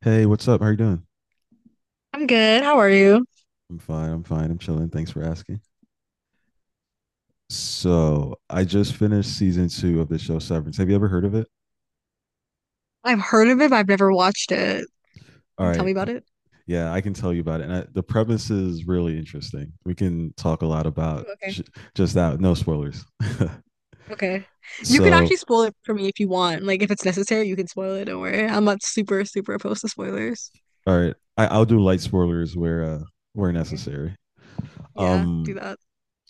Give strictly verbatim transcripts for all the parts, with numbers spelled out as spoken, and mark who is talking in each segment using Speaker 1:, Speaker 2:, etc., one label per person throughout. Speaker 1: Hey, what's up? How you doing?
Speaker 2: I'm good. How are you?
Speaker 1: I'm fine. I'm fine. I'm chilling. Thanks for asking. So, I just finished season two of the show Severance. Have you ever heard of it?
Speaker 2: I've heard of it, but I've never watched it.
Speaker 1: All
Speaker 2: Can you tell
Speaker 1: right.
Speaker 2: me
Speaker 1: c-
Speaker 2: about it?
Speaker 1: Yeah, I can tell you about it. And I, the premise is really interesting. We can talk a lot
Speaker 2: Oh,
Speaker 1: about
Speaker 2: okay.
Speaker 1: sh- just that. No spoilers.
Speaker 2: Okay. You can
Speaker 1: So,
Speaker 2: actually spoil it for me if you want. Like, if it's necessary, you can spoil it. Don't worry. I'm not super, super opposed to spoilers.
Speaker 1: all right. I, I'll do light spoilers where uh, where
Speaker 2: Okay.
Speaker 1: necessary.
Speaker 2: Yeah, do
Speaker 1: Um.
Speaker 2: that.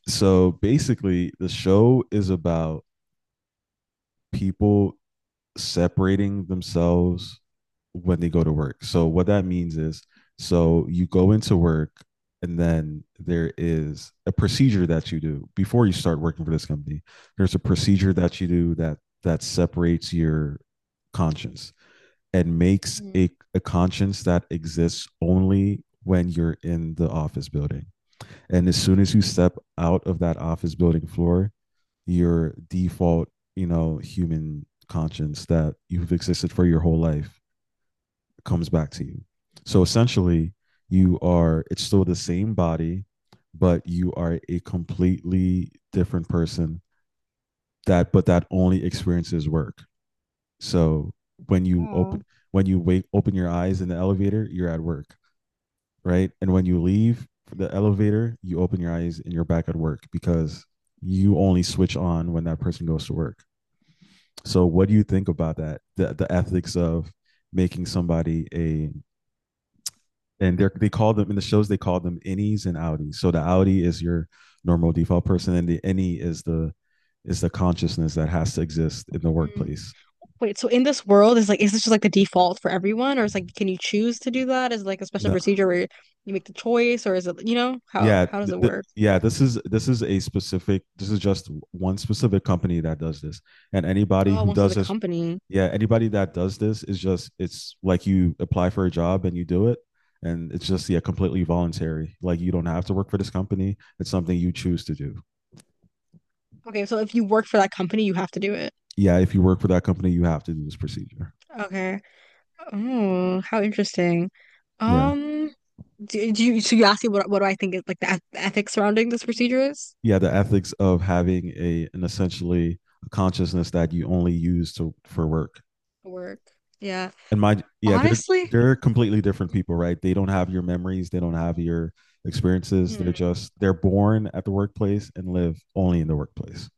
Speaker 1: So basically, the show is about people separating themselves when they go to work. So what that means is, so you go into work, and then there is a procedure that you do before you start working for this company. There's a procedure that you do that that separates your conscience and makes
Speaker 2: Mm.
Speaker 1: a, a conscience that exists only when you're in the office building. And as soon as you step out of that office building floor, your default, you know, human conscience that you've existed for your whole life comes back to you. So essentially, you are it's still the same body, but you are a completely different person that but that only experiences work. So when you open
Speaker 2: Oh.
Speaker 1: when you wake open your eyes in the elevator, you're at work, right? And when you leave the elevator, you open your eyes and you're back at work because you only switch on when that person goes to work. So what do you think about that? The the ethics of making somebody a and they they call them in the shows they call them innies and outies. So the outie is your normal default person, and the innie is the is the consciousness that has to exist in the
Speaker 2: Mm.
Speaker 1: workplace.
Speaker 2: Wait, so in this world, is like, is this just like the default for everyone, or is like, can you choose to do that? Is it like a special
Speaker 1: No.
Speaker 2: procedure where you make the choice, or is it, you know, how
Speaker 1: Yeah,
Speaker 2: how does
Speaker 1: th-
Speaker 2: it
Speaker 1: th-
Speaker 2: work?
Speaker 1: yeah, this is this is a specific this is just w- one specific company that does this. And anybody
Speaker 2: Oh,
Speaker 1: who
Speaker 2: once it's
Speaker 1: does
Speaker 2: a
Speaker 1: this,
Speaker 2: company.
Speaker 1: yeah, anybody that does this is just, it's like you apply for a job and you do it, and it's just, yeah, completely voluntary. Like, you don't have to work for this company. It's something you choose to do.
Speaker 2: Okay, so if you work for that company, you have to do it.
Speaker 1: Yeah, if you work for that company, you have to do this procedure.
Speaker 2: Okay. Oh, how interesting.
Speaker 1: Yeah.
Speaker 2: Um, do, do you so you asking what what do I think is like the, eth- ethics surrounding this procedure is?
Speaker 1: Yeah, the ethics of having a an essentially a consciousness that you only use to for work.
Speaker 2: The work. Yeah.
Speaker 1: And my, yeah, they're
Speaker 2: Honestly,
Speaker 1: they're completely different people, right? They don't have your memories, they don't have your experiences. they're
Speaker 2: mm.
Speaker 1: just they're born at the workplace and live only in the workplace.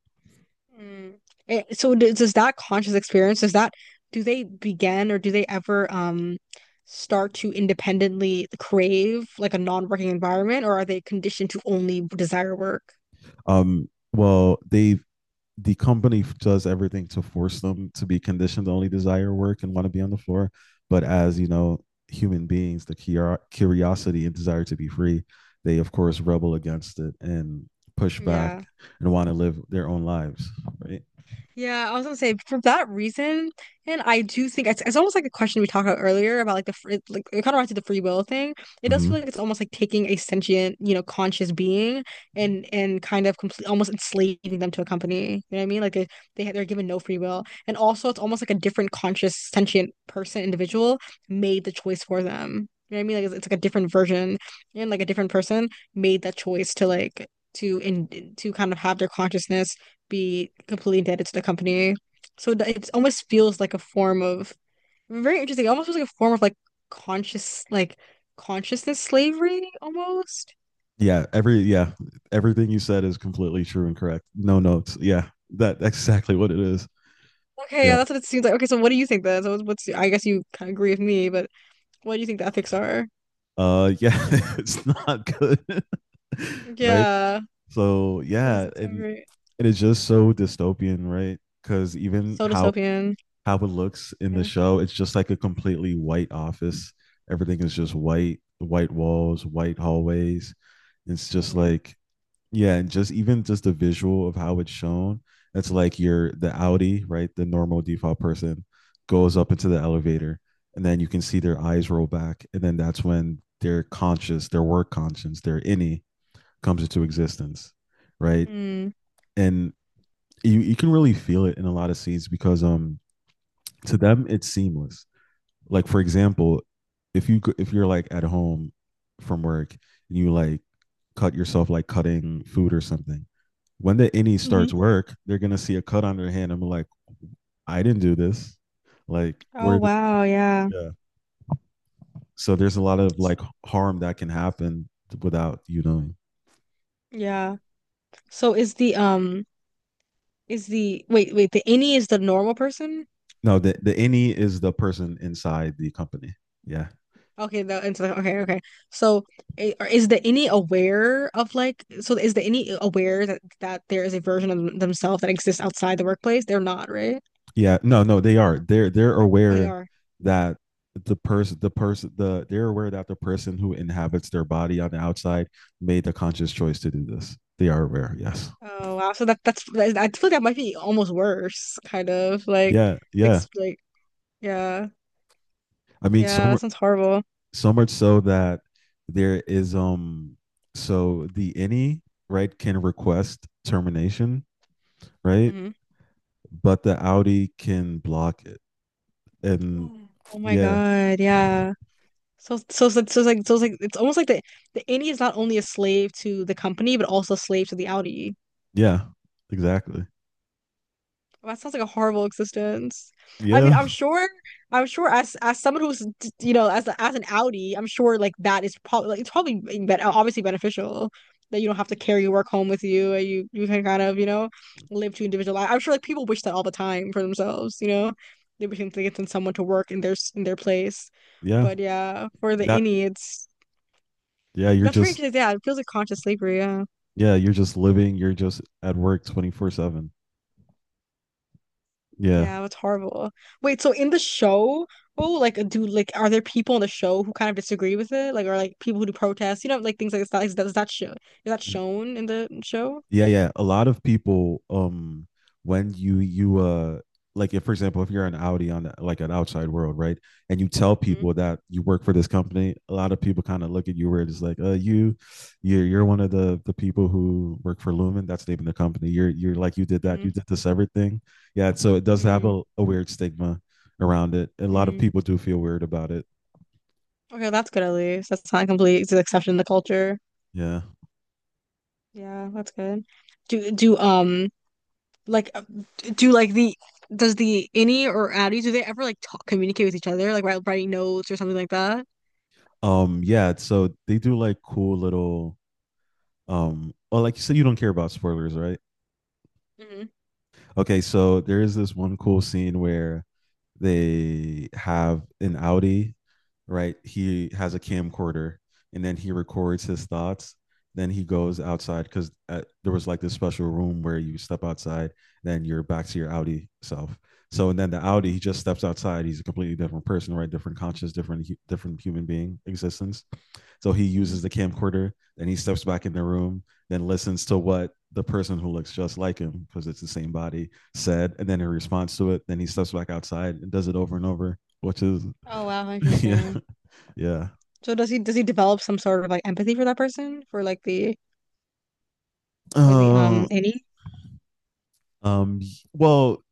Speaker 2: Mm. Eh, so does, does that conscious experience, does that do they begin or do they ever um start to independently crave like a non-working environment, or are they conditioned to only desire work?
Speaker 1: um Well, they, the company does everything to force them to be conditioned to only desire work and want to be on the floor. But as you know, human beings, the curiosity and desire to be free, they of course rebel against it and push
Speaker 2: Yeah.
Speaker 1: back and want to live their own lives, right?
Speaker 2: Yeah, I was gonna say for that reason, and I do think it's, it's almost like the question we talked about earlier about like the free, like it kind of relates to the free will thing. It does
Speaker 1: Mm-hmm.
Speaker 2: feel like it's almost like taking a sentient, you know, conscious being and and kind of complete almost enslaving them to a company. You know what I mean? Like they they they're given no free will, and also it's almost like a different conscious sentient person individual made the choice for them. You know what I mean? Like it's, it's like a different version and like a different person made that choice to like to in to kind of have their consciousness be completely indebted to the company. So it almost feels like a form of very interesting. It almost feels like a form of like conscious, like consciousness slavery almost.
Speaker 1: Yeah, every yeah, everything you said is completely true and correct. No notes. Yeah, that exactly what it is.
Speaker 2: Okay, yeah,
Speaker 1: Yeah.
Speaker 2: that's what it seems like. Okay, so what do you think then? So what's I guess you kind of agree with me, but what do you think the ethics are?
Speaker 1: Uh yeah, it's not good. Right?
Speaker 2: Yeah,
Speaker 1: So,
Speaker 2: it
Speaker 1: yeah,
Speaker 2: doesn't sound
Speaker 1: and
Speaker 2: great.
Speaker 1: and it's just so dystopian, right? Cuz even
Speaker 2: So
Speaker 1: how
Speaker 2: dystopian.
Speaker 1: how it looks in the
Speaker 2: Yeah.
Speaker 1: show, it's just like a completely white office. Everything is just white, white walls, white hallways. It's just
Speaker 2: Mm-hmm.
Speaker 1: like, yeah, and just even just the visual of how it's shown, it's like you're the audi, right, the normal default person, goes up into the elevator, and then you can see their eyes roll back, and then that's when their conscious their work conscience, their innie comes into existence, right?
Speaker 2: Mm.
Speaker 1: And you, you can really feel it in a lot of scenes because um to them it's seamless, like for example, if you if you're like at home from work, and you like cut yourself, like cutting food or something. When the innie
Speaker 2: Hmm.
Speaker 1: starts work, they're gonna see a cut on their hand and be like, I didn't do this. Like,
Speaker 2: Oh
Speaker 1: where the
Speaker 2: wow, yeah.
Speaker 1: yeah. So there's a lot of like harm that can happen without you knowing.
Speaker 2: Yeah. So is the um is the wait, wait, the any is the normal person?
Speaker 1: No, the the innie is the person inside the company. Yeah.
Speaker 2: Okay, the intellect. Okay, okay. So, i- are- is the any aware of, like? So, is the any aware that that there is a version of them- themselves that exists outside the workplace? They're not, right?
Speaker 1: Yeah. No, no, they are. They're they're
Speaker 2: Or they
Speaker 1: aware
Speaker 2: are.
Speaker 1: that the person the person the they're aware that the person who inhabits their body on the outside made the conscious choice to do this. They are aware, yes.
Speaker 2: Oh wow. So that that's that is- I feel like that might be almost worse, kind of like,
Speaker 1: Yeah, yeah.
Speaker 2: ex- like yeah,
Speaker 1: I mean,
Speaker 2: yeah.
Speaker 1: some
Speaker 2: That sounds horrible.
Speaker 1: so much so that there is um so the any, right, can request termination, right,
Speaker 2: Hmm.
Speaker 1: but the audi can block it, and
Speaker 2: Yeah. Oh my
Speaker 1: yeah,
Speaker 2: God, yeah. So so so so it's like, so it's like it's almost like the the innie is not only a slave to the company but also a slave to the outie.
Speaker 1: yeah, exactly,
Speaker 2: That sounds like a horrible existence. I mean,
Speaker 1: yeah,
Speaker 2: I'm sure, I'm sure as as someone who's d- you know, as as an Audi, I'm sure like that is probably like, it's probably being ben- obviously beneficial that you don't have to carry your work home with you and you you can kind of, you know, live two individual life. I'm sure like people wish that all the time for themselves. You know, they wish they could send someone to work in their s- in their place.
Speaker 1: yeah,
Speaker 2: But yeah, for the
Speaker 1: that
Speaker 2: innie, it's
Speaker 1: yeah you're
Speaker 2: that's very
Speaker 1: just
Speaker 2: interesting. Yeah, it feels like conscious slavery. Yeah.
Speaker 1: yeah you're just living, you're just at work twenty-four seven. Yeah.
Speaker 2: Yeah, that's horrible. Wait, so in the show, oh, like do like are there people in the show who kind of disagree with it? Like are like people who do protests, you know, like things like that. Is that, is that show is that shown in the show?
Speaker 1: Yeah, yeah. A lot of people, um, when you you uh like, if for example, if you're an Audi on like an outside world, right? And you tell
Speaker 2: Mm.
Speaker 1: people that you work for this company, a lot of people kind of look at you where it's like, uh, you you're you're one of the the people who work for Lumen. That's the name of the company. You're you're like, you did that, you
Speaker 2: Mm.
Speaker 1: did this everything. Yeah, so it does have
Speaker 2: Mm.
Speaker 1: a, a weird stigma around it. A lot of
Speaker 2: Mm.
Speaker 1: people do feel weird about it.
Speaker 2: Okay, that's good at least. That's not complete it's an exception in the culture.
Speaker 1: Yeah.
Speaker 2: Yeah, that's good. Do do um like, uh, do like the does the Innie or Addie do they ever like talk communicate with each other like write, writing notes or something like that?
Speaker 1: Um, yeah, so they do like cool little, um oh, like you said, you don't care about spoilers, right?
Speaker 2: Mm-hmm.
Speaker 1: Okay, so there is this one cool scene where they have an Audi, right? He has a camcorder, and then he records his thoughts. Then he goes outside because there was like this special room where you step outside, then you're back to your Audi self. So and then the
Speaker 2: Mm-hmm.
Speaker 1: Audi, he just steps outside. He's a completely different person, right? Different conscious, different different human being existence. So he
Speaker 2: Mm-hmm.
Speaker 1: uses the camcorder, then he steps back in the room, then listens to what the person who looks just like him, because it's the same body, said, and then in response to it, then he steps back outside and does it over and over, which is
Speaker 2: Oh wow,
Speaker 1: yeah,
Speaker 2: interesting.
Speaker 1: yeah.
Speaker 2: So does he does he develop some sort of like empathy for that person, for like the for the
Speaker 1: Uh,
Speaker 2: um any?
Speaker 1: um, well,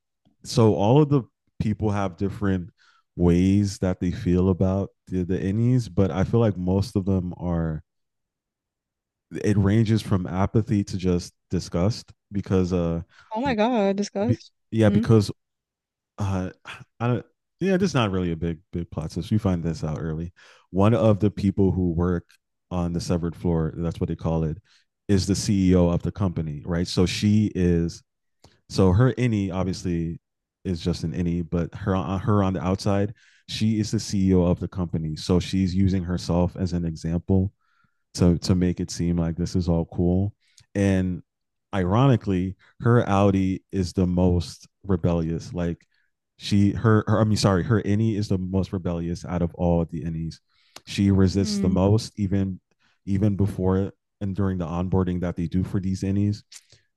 Speaker 1: so all of the people have different ways that they feel about the, the innies, but I feel like most of them are it ranges from apathy to just disgust, because uh
Speaker 2: Oh my God,
Speaker 1: be,
Speaker 2: disgust.
Speaker 1: yeah
Speaker 2: Mm-hmm.
Speaker 1: because uh I don't yeah, this is not really a big big plot twist. You find this out early. One of the people who work on the severed floor, that's what they call it, is the C E O of the company, right? So she is so her innie obviously is just an innie, but her uh, her on the outside, she is the C E O of the company. So she's using herself as an example to to make it seem like this is all cool. And ironically, her Audi is the most rebellious. Like, she her, her I mean, sorry, her innie is the most rebellious out of all the innies. She resists the
Speaker 2: Mm.
Speaker 1: most, even even before and during the onboarding that they do for these innies.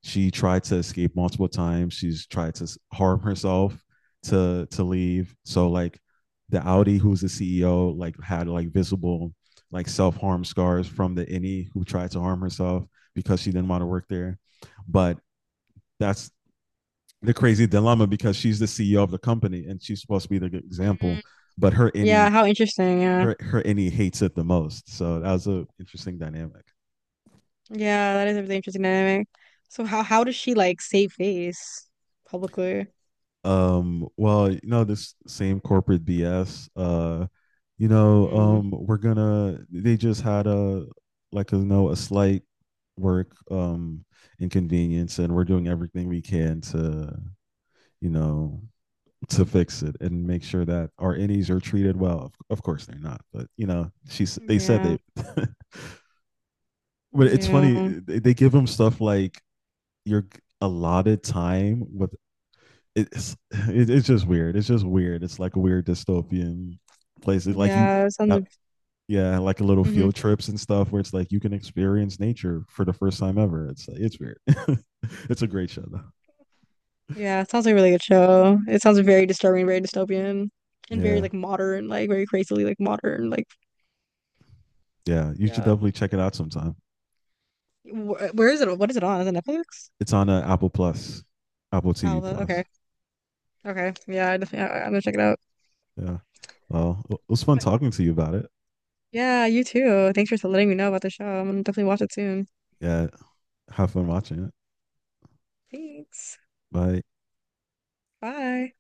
Speaker 1: She tried to escape multiple times. She's tried to harm herself to to leave. So like the Audi, who's the C E O, like had like visible like self harm scars from the any who tried to harm herself because she didn't want to work there. But that's the crazy dilemma because she's the C E O of the company and she's supposed to be the good example,
Speaker 2: Mm.
Speaker 1: but her
Speaker 2: Yeah,
Speaker 1: any
Speaker 2: how interesting. Yeah,
Speaker 1: her her any hates it the most. So that was a interesting dynamic.
Speaker 2: yeah, that is a really interesting dynamic. So how how does she like save face publicly?
Speaker 1: Um well, you know this same corporate bs, uh you know
Speaker 2: Mm.
Speaker 1: um we're gonna they just had a, like, you know a slight work um inconvenience, and we're doing everything we can to, you know to fix it and make sure that our innies are treated well. Of course they're not, but, you know she's they said they,
Speaker 2: Yeah,
Speaker 1: but it's funny,
Speaker 2: yeah,
Speaker 1: they give them stuff like, you're allotted time with, it's it, it's just weird. It's just weird. It's like a weird dystopian place. It's like you,
Speaker 2: yeah. It
Speaker 1: uh,
Speaker 2: sounds.
Speaker 1: yeah, like a little
Speaker 2: Mm-hmm.
Speaker 1: field trips and stuff where it's like you can experience nature for the first time ever. It's it's weird. It's a great show though.
Speaker 2: Yeah, it sounds like a really good show. It sounds very disturbing, very dystopian, and very
Speaker 1: Yeah,
Speaker 2: like modern, like very crazily like modern. Like
Speaker 1: yeah. You should
Speaker 2: yeah,
Speaker 1: definitely check it out sometime.
Speaker 2: Wh where is it? What is it on? Is it Netflix?
Speaker 1: It's on uh, Apple Plus, Apple
Speaker 2: Oh,
Speaker 1: T V
Speaker 2: the-
Speaker 1: Plus.
Speaker 2: okay. Okay. Yeah, I definitely, I, I'm gonna check it out.
Speaker 1: Yeah. Well, it was fun
Speaker 2: But
Speaker 1: talking to you about it.
Speaker 2: yeah, you too. Thanks for letting me know about the show. I'm gonna definitely watch it soon.
Speaker 1: Yeah. Have fun watching it.
Speaker 2: Thanks.
Speaker 1: Bye.
Speaker 2: Bye.